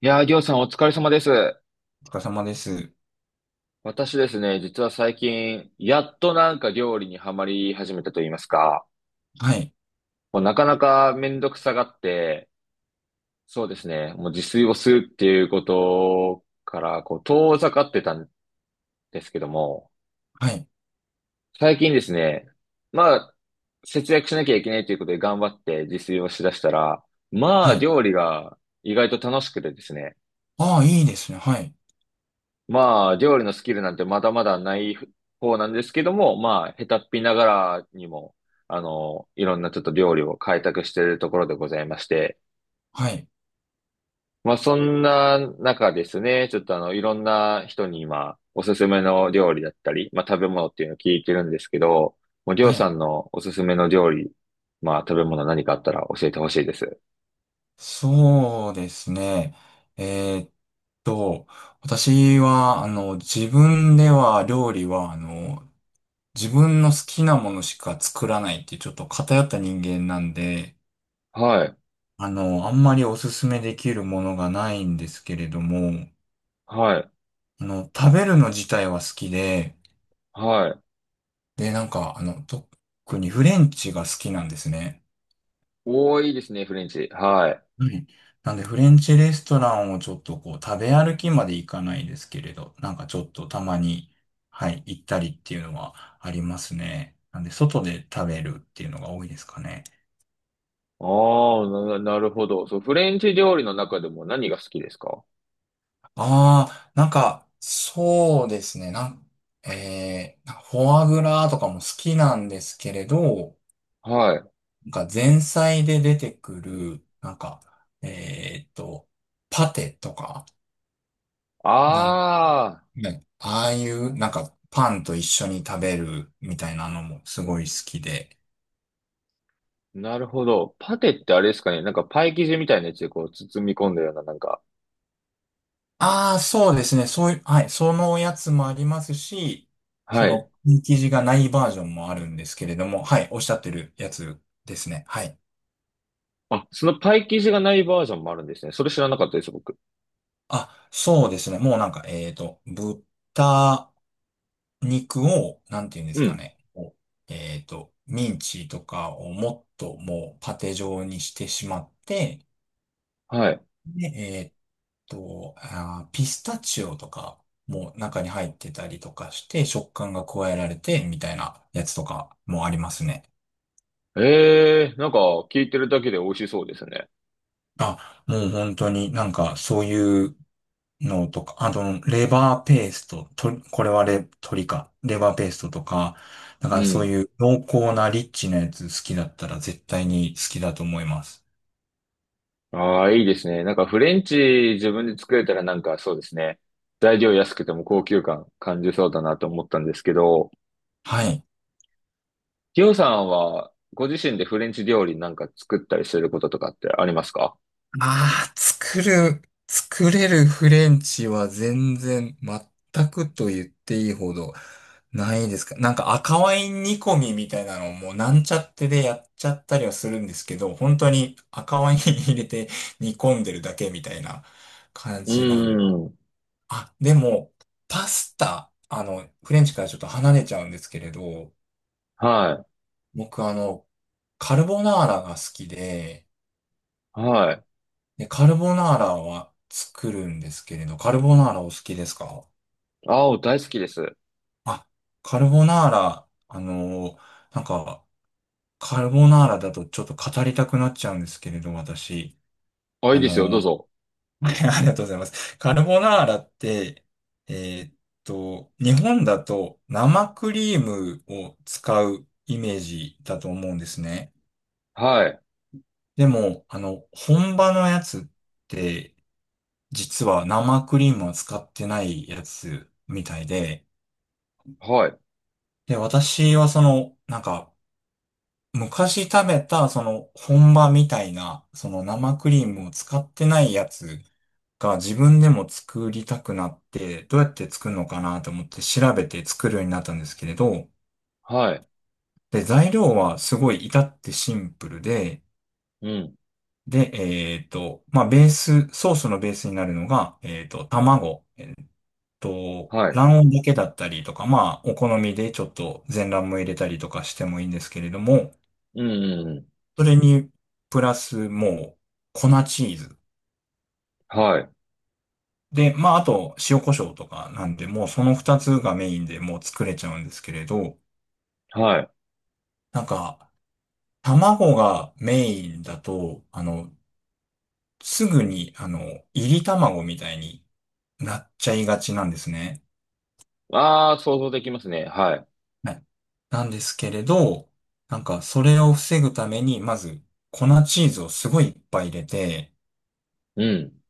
いやー、りょうさんお疲れ様です。お疲れ様です。私ですね、実は最近、やっと料理にはまり始めたと言いますか、はい。もうなかなかめんどくさがって、そうですね、もう自炊をするっていうことから、こう、遠ざかってたんですけども、はい。最近ですね、まあ、節約しなきゃいけないということで頑張って自炊をしだしたら、まはあ、い。料理が意外と楽しくてですね、ああ、いいですね。はい。まあ、料理のスキルなんてまだまだない方なんですけども、まあ、下手っぴながらにも、いろんなちょっと料理を開拓しているところでございまして、はい。まあ、そんな中ですね、ちょっといろんな人に今、おすすめの料理だったり、まあ、食べ物っていうのを聞いてるんですけど、もう、りょはうさい。んのおすすめの料理、まあ、食べ物何かあったら教えてほしいです。そうですね。えーっと、私は、自分では料理は、自分の好きなものしか作らないっていうちょっと偏った人間なんで、はい、あんまりおすすめできるものがないんですけれども、はい、食べるの自体は好きで、はい。で、特にフレンチが好きなんですね。多いですね、フレンチ。はい。はい。なんで、フレンチレストランをちょっとこう、食べ歩きまで行かないですけれど、なんかちょっとたまに、はい、行ったりっていうのはありますね。なんで、外で食べるっていうのが多いですかね。ああ、なるほど。そう、フレンチ料理の中でも何が好きですか？ああ、なんか、そうですね。なんかフォアグラとかも好きなんですけれど、はい。なんか前菜で出てくる、なんか、えーっと、パテとか、なんああ、ね、ああいう、なんか、パンと一緒に食べるみたいなのもすごい好きで。なるほど。パテってあれですかね。なんかパイ生地みたいなやつでこう包み込んだような、なんか。ああ、そうですね。そういう、はい。そのやつもありますし、はそい。の、生地がないバージョンもあるんですけれども、はい。おっしゃってるやつですね。はい。あ、そのパイ生地がないバージョンもあるんですね。それ知らなかったです、僕。あ、そうですね。もうなんか、豚肉を、なんていうんでうすかん。ね。ミンチとかをもっともうパテ状にしてしまって、はい。で、あー、ピスタチオとかも中に入ってたりとかして食感が加えられてみたいなやつとかもありますね。ええ、なんか聞いてるだけで美味しそうですね。あ、もう本当になんかそういうのとか、あと、レバーペースト、と、これはレ、鶏か。レバーペーストとか、なんうかそうん。いう濃厚なリッチなやつ好きだったら絶対に好きだと思います。ああ、いいですね。なんかフレンチ自分で作れたらなんかそうですね。材料安くても高級感感じそうだなと思ったんですけど。はい。りょうさんは、ご自身でフレンチ料理なんか作ったりすることとかってありますか？ああ、作れるフレンチは全くと言っていいほどないですか。なんか赤ワイン煮込みみたいなのをもうなんちゃってでやっちゃったりはするんですけど、本当に赤ワイン入れて煮込んでるだけみたいな感うじなん。ーん。あ、でも、パスタ、あの、フレンチからちょっと離れちゃうんですけれど、は僕あの、カルボナーラが好きで、い。はい。で、カルボナーラは作るんですけれど、カルボナーラお好きですか？青大好きです。あ、カルボナーラ、なんか、カルボナーラだとちょっと語りたくなっちゃうんですけれど、私。あ、いあいでのすよ。どうー ぞ。ありがとうございます。カルボナーラって、えーっ日本だと生クリームを使うイメージだと思うんですね。はい。でも、あの、本場のやつって、実は生クリームを使ってないやつみたいで、はい。で、私はその、なんか、昔食べた、その、本場みたいな、その生クリームを使ってないやつが自分でも作りたくなって、どうやって作るのかなと思って調べて作るようになったんですけれど、はい。で、材料はすごい至ってシンプルで、うん。で、まあ、ベース、ソースのベースになるのが、卵。と、はい。卵黄だけだったりとか、まあ、お好みでちょっと全卵も入れたりとかしてもいいんですけれども、うん。うんうん。それに、プラスもう、粉チーズ。はい。で、まあ、あと、塩コショウとかなんで、もうその二つがメインでもう作れちゃうんですけれど、はい。なんか、卵がメインだと、あの、すぐに、あの、炒り卵みたいになっちゃいがちなんですね。ああ、想像できますね。はい。はい、なんですけれど、なんかそれを防ぐために、まず粉チーズをすごいいっぱい入れて、うん。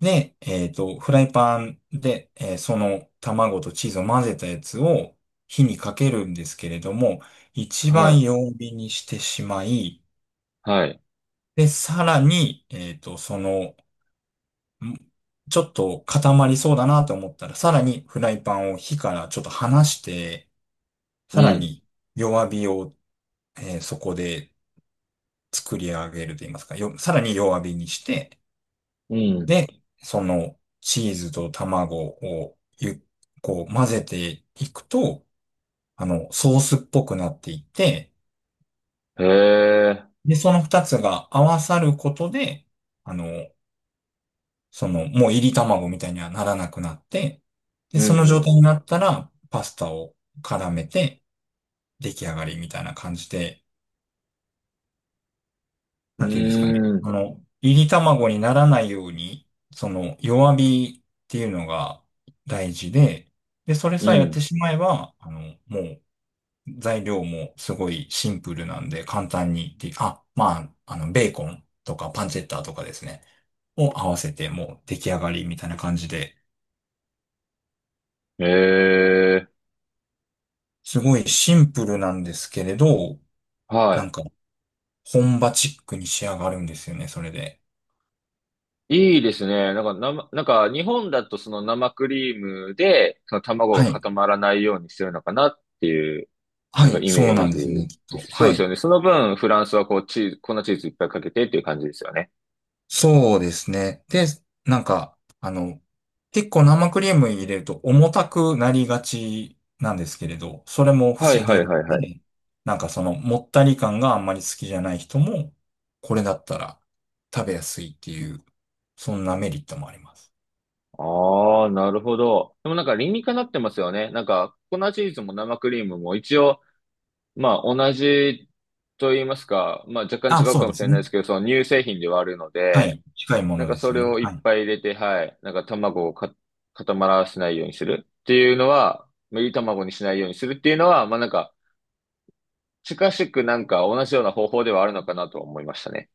で、フライパンで、えーその卵とチーズを混ぜたやつを火にかけるんですけれども、一は番い。弱火にしてしまい、はい。で、さらに、その、んちょっと固まりそうだなと思ったら、さらにフライパンを火からちょっと離して、うさらん。に弱火を、えーそこで作り上げると言いますか、さらに弱火にして、うん。で、そのチーズと卵をこう混ぜていくと、あの、ソースっぽくなっていって、へえ。で、その二つが合わさることで、あの、その、もう入り卵みたいにはならなくなって、で、うその状態ん。になったら、パスタを絡めて、出来上がりみたいな感じで、うなんていうんですかね。ん。うーん。あの、いり卵にならないように、その弱火っていうのが大事で、で、それうさえやっん。てしまえば、あの、もう材料もすごいシンプルなんで簡単にで、まあ、あの、ベーコンとかパンチェッタとかですね、を合わせてもう出来上がりみたいな感じで、へえ。すごいシンプルなんですけれど、はない。んか本場チックに仕上がるんですよね、それで。いいですね。なんか、なんか日本だとその生クリームで、その卵がはい。固まらないようにしてるのかなっていう、はなんかい、イそうメなーんですね、ジきっでと。す。そうはですよい。ね。その分、フランスはこうチーズ、粉チーズいっぱいかけてっていう感じですよね。そうですね。で、なんか、あの、結構生クリーム入れると重たくなりがちなんですけれど、それもはい防はげいるはいはんい。で、なんかそのもったり感があんまり好きじゃない人も、これだったら食べやすいっていう、そんなメリットもあります。ああ、なるほど。でもなんか理にかなってますよね。なんか、粉チーズも生クリームも一応、まあ同じと言いますか、まあ若干違あ、うそかうでもしすれないでね。すけど、その乳製品ではあるのはで、い。近いもなんのかですそよれね。をはいっい。ぱい入れて、はい。なんか卵を固まらせないようにするっていうのは、まあいい卵にしないようにするっていうのは、まあなんか近しくなんか同じような方法ではあるのかなとは思いましたね。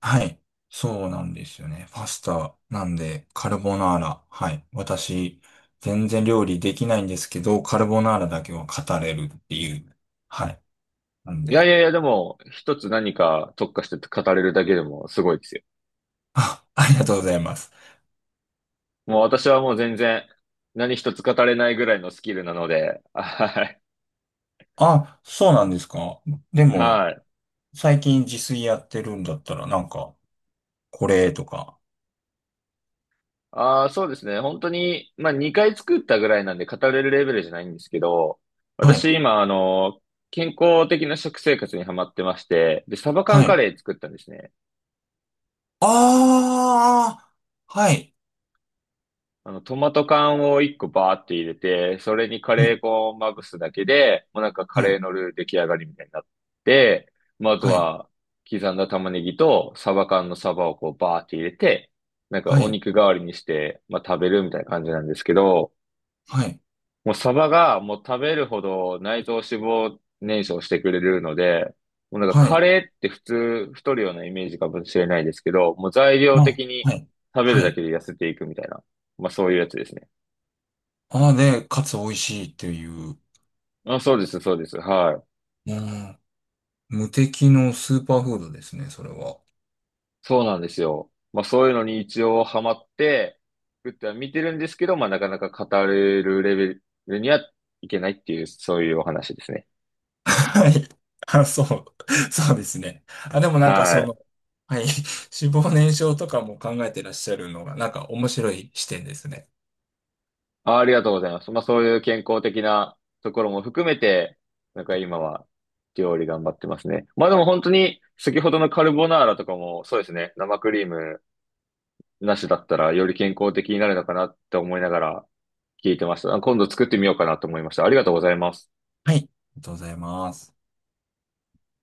はい。そうなんですよね。パスタなんで、カルボナーラ。はい。私、全然料理できないんですけど、カルボナーラだけは語れるっていう。はい。なんいやいで、やいや、でも一つ何か特化して語れるだけでもすごいですよ。あ、ありがとうございます。もう私はもう全然何一つ語れないぐらいのスキルなので、はい。あ、そうなんですか。でも、はい。最近自炊やってるんだったら、なんか、これとか。ああ、そうですね。本当に、まあ、2回作ったぐらいなんで語れるレベルじゃないんですけど、は私い。今、あの、健康的な食生活にハマってまして、で、サバは缶カい。レー作ったんですね。ああ、はい。あの、トマト缶を1個バーって入れて、それにカはレい。ー粉をまぶすだけで、もうなんかカはレーい。のルー出来上がりみたいになって、まあ、あとはい。は、刻んだ玉ねぎとサバ缶のサバをこうバーって入れて、なんかはおい。肉代わりにして、まあ、食べるみたいな感じなんですけど、はい。もうサバがもう食べるほど内臓脂肪燃焼してくれるので、もうなんかはカい。レーって普通太るようなイメージかもしれないですけど、もう材料まあ、的にはい。食べはるだい。けで痩せていくみたいな。まあそういうやつですね。ああ、で、かつ美味しいっていう、あ、そうです、そうです。はい。うん。無敵のスーパーフードですね、それは。そうなんですよ。まあそういうのに一応ハマって作っては見てるんですけど、まあなかなか語れるレベルにはいけないっていう、そういうお話ですね。はい。あ、そう。そうですね。あ、でもなんかはそい。の、はい。脂肪燃焼とかも考えてらっしゃるのが、なんか面白い視点ですね。あ、ありがとうございます。まあそういう健康的なところも含めて、なんか今は料理頑張ってますね。まあでも本当に先ほどのカルボナーラとかもそうですね。生クリームなしだったらより健康的になるのかなって思いながら聞いてました。今度作ってみようかなと思いました。ありがとうございます。はい。ありがとうございます。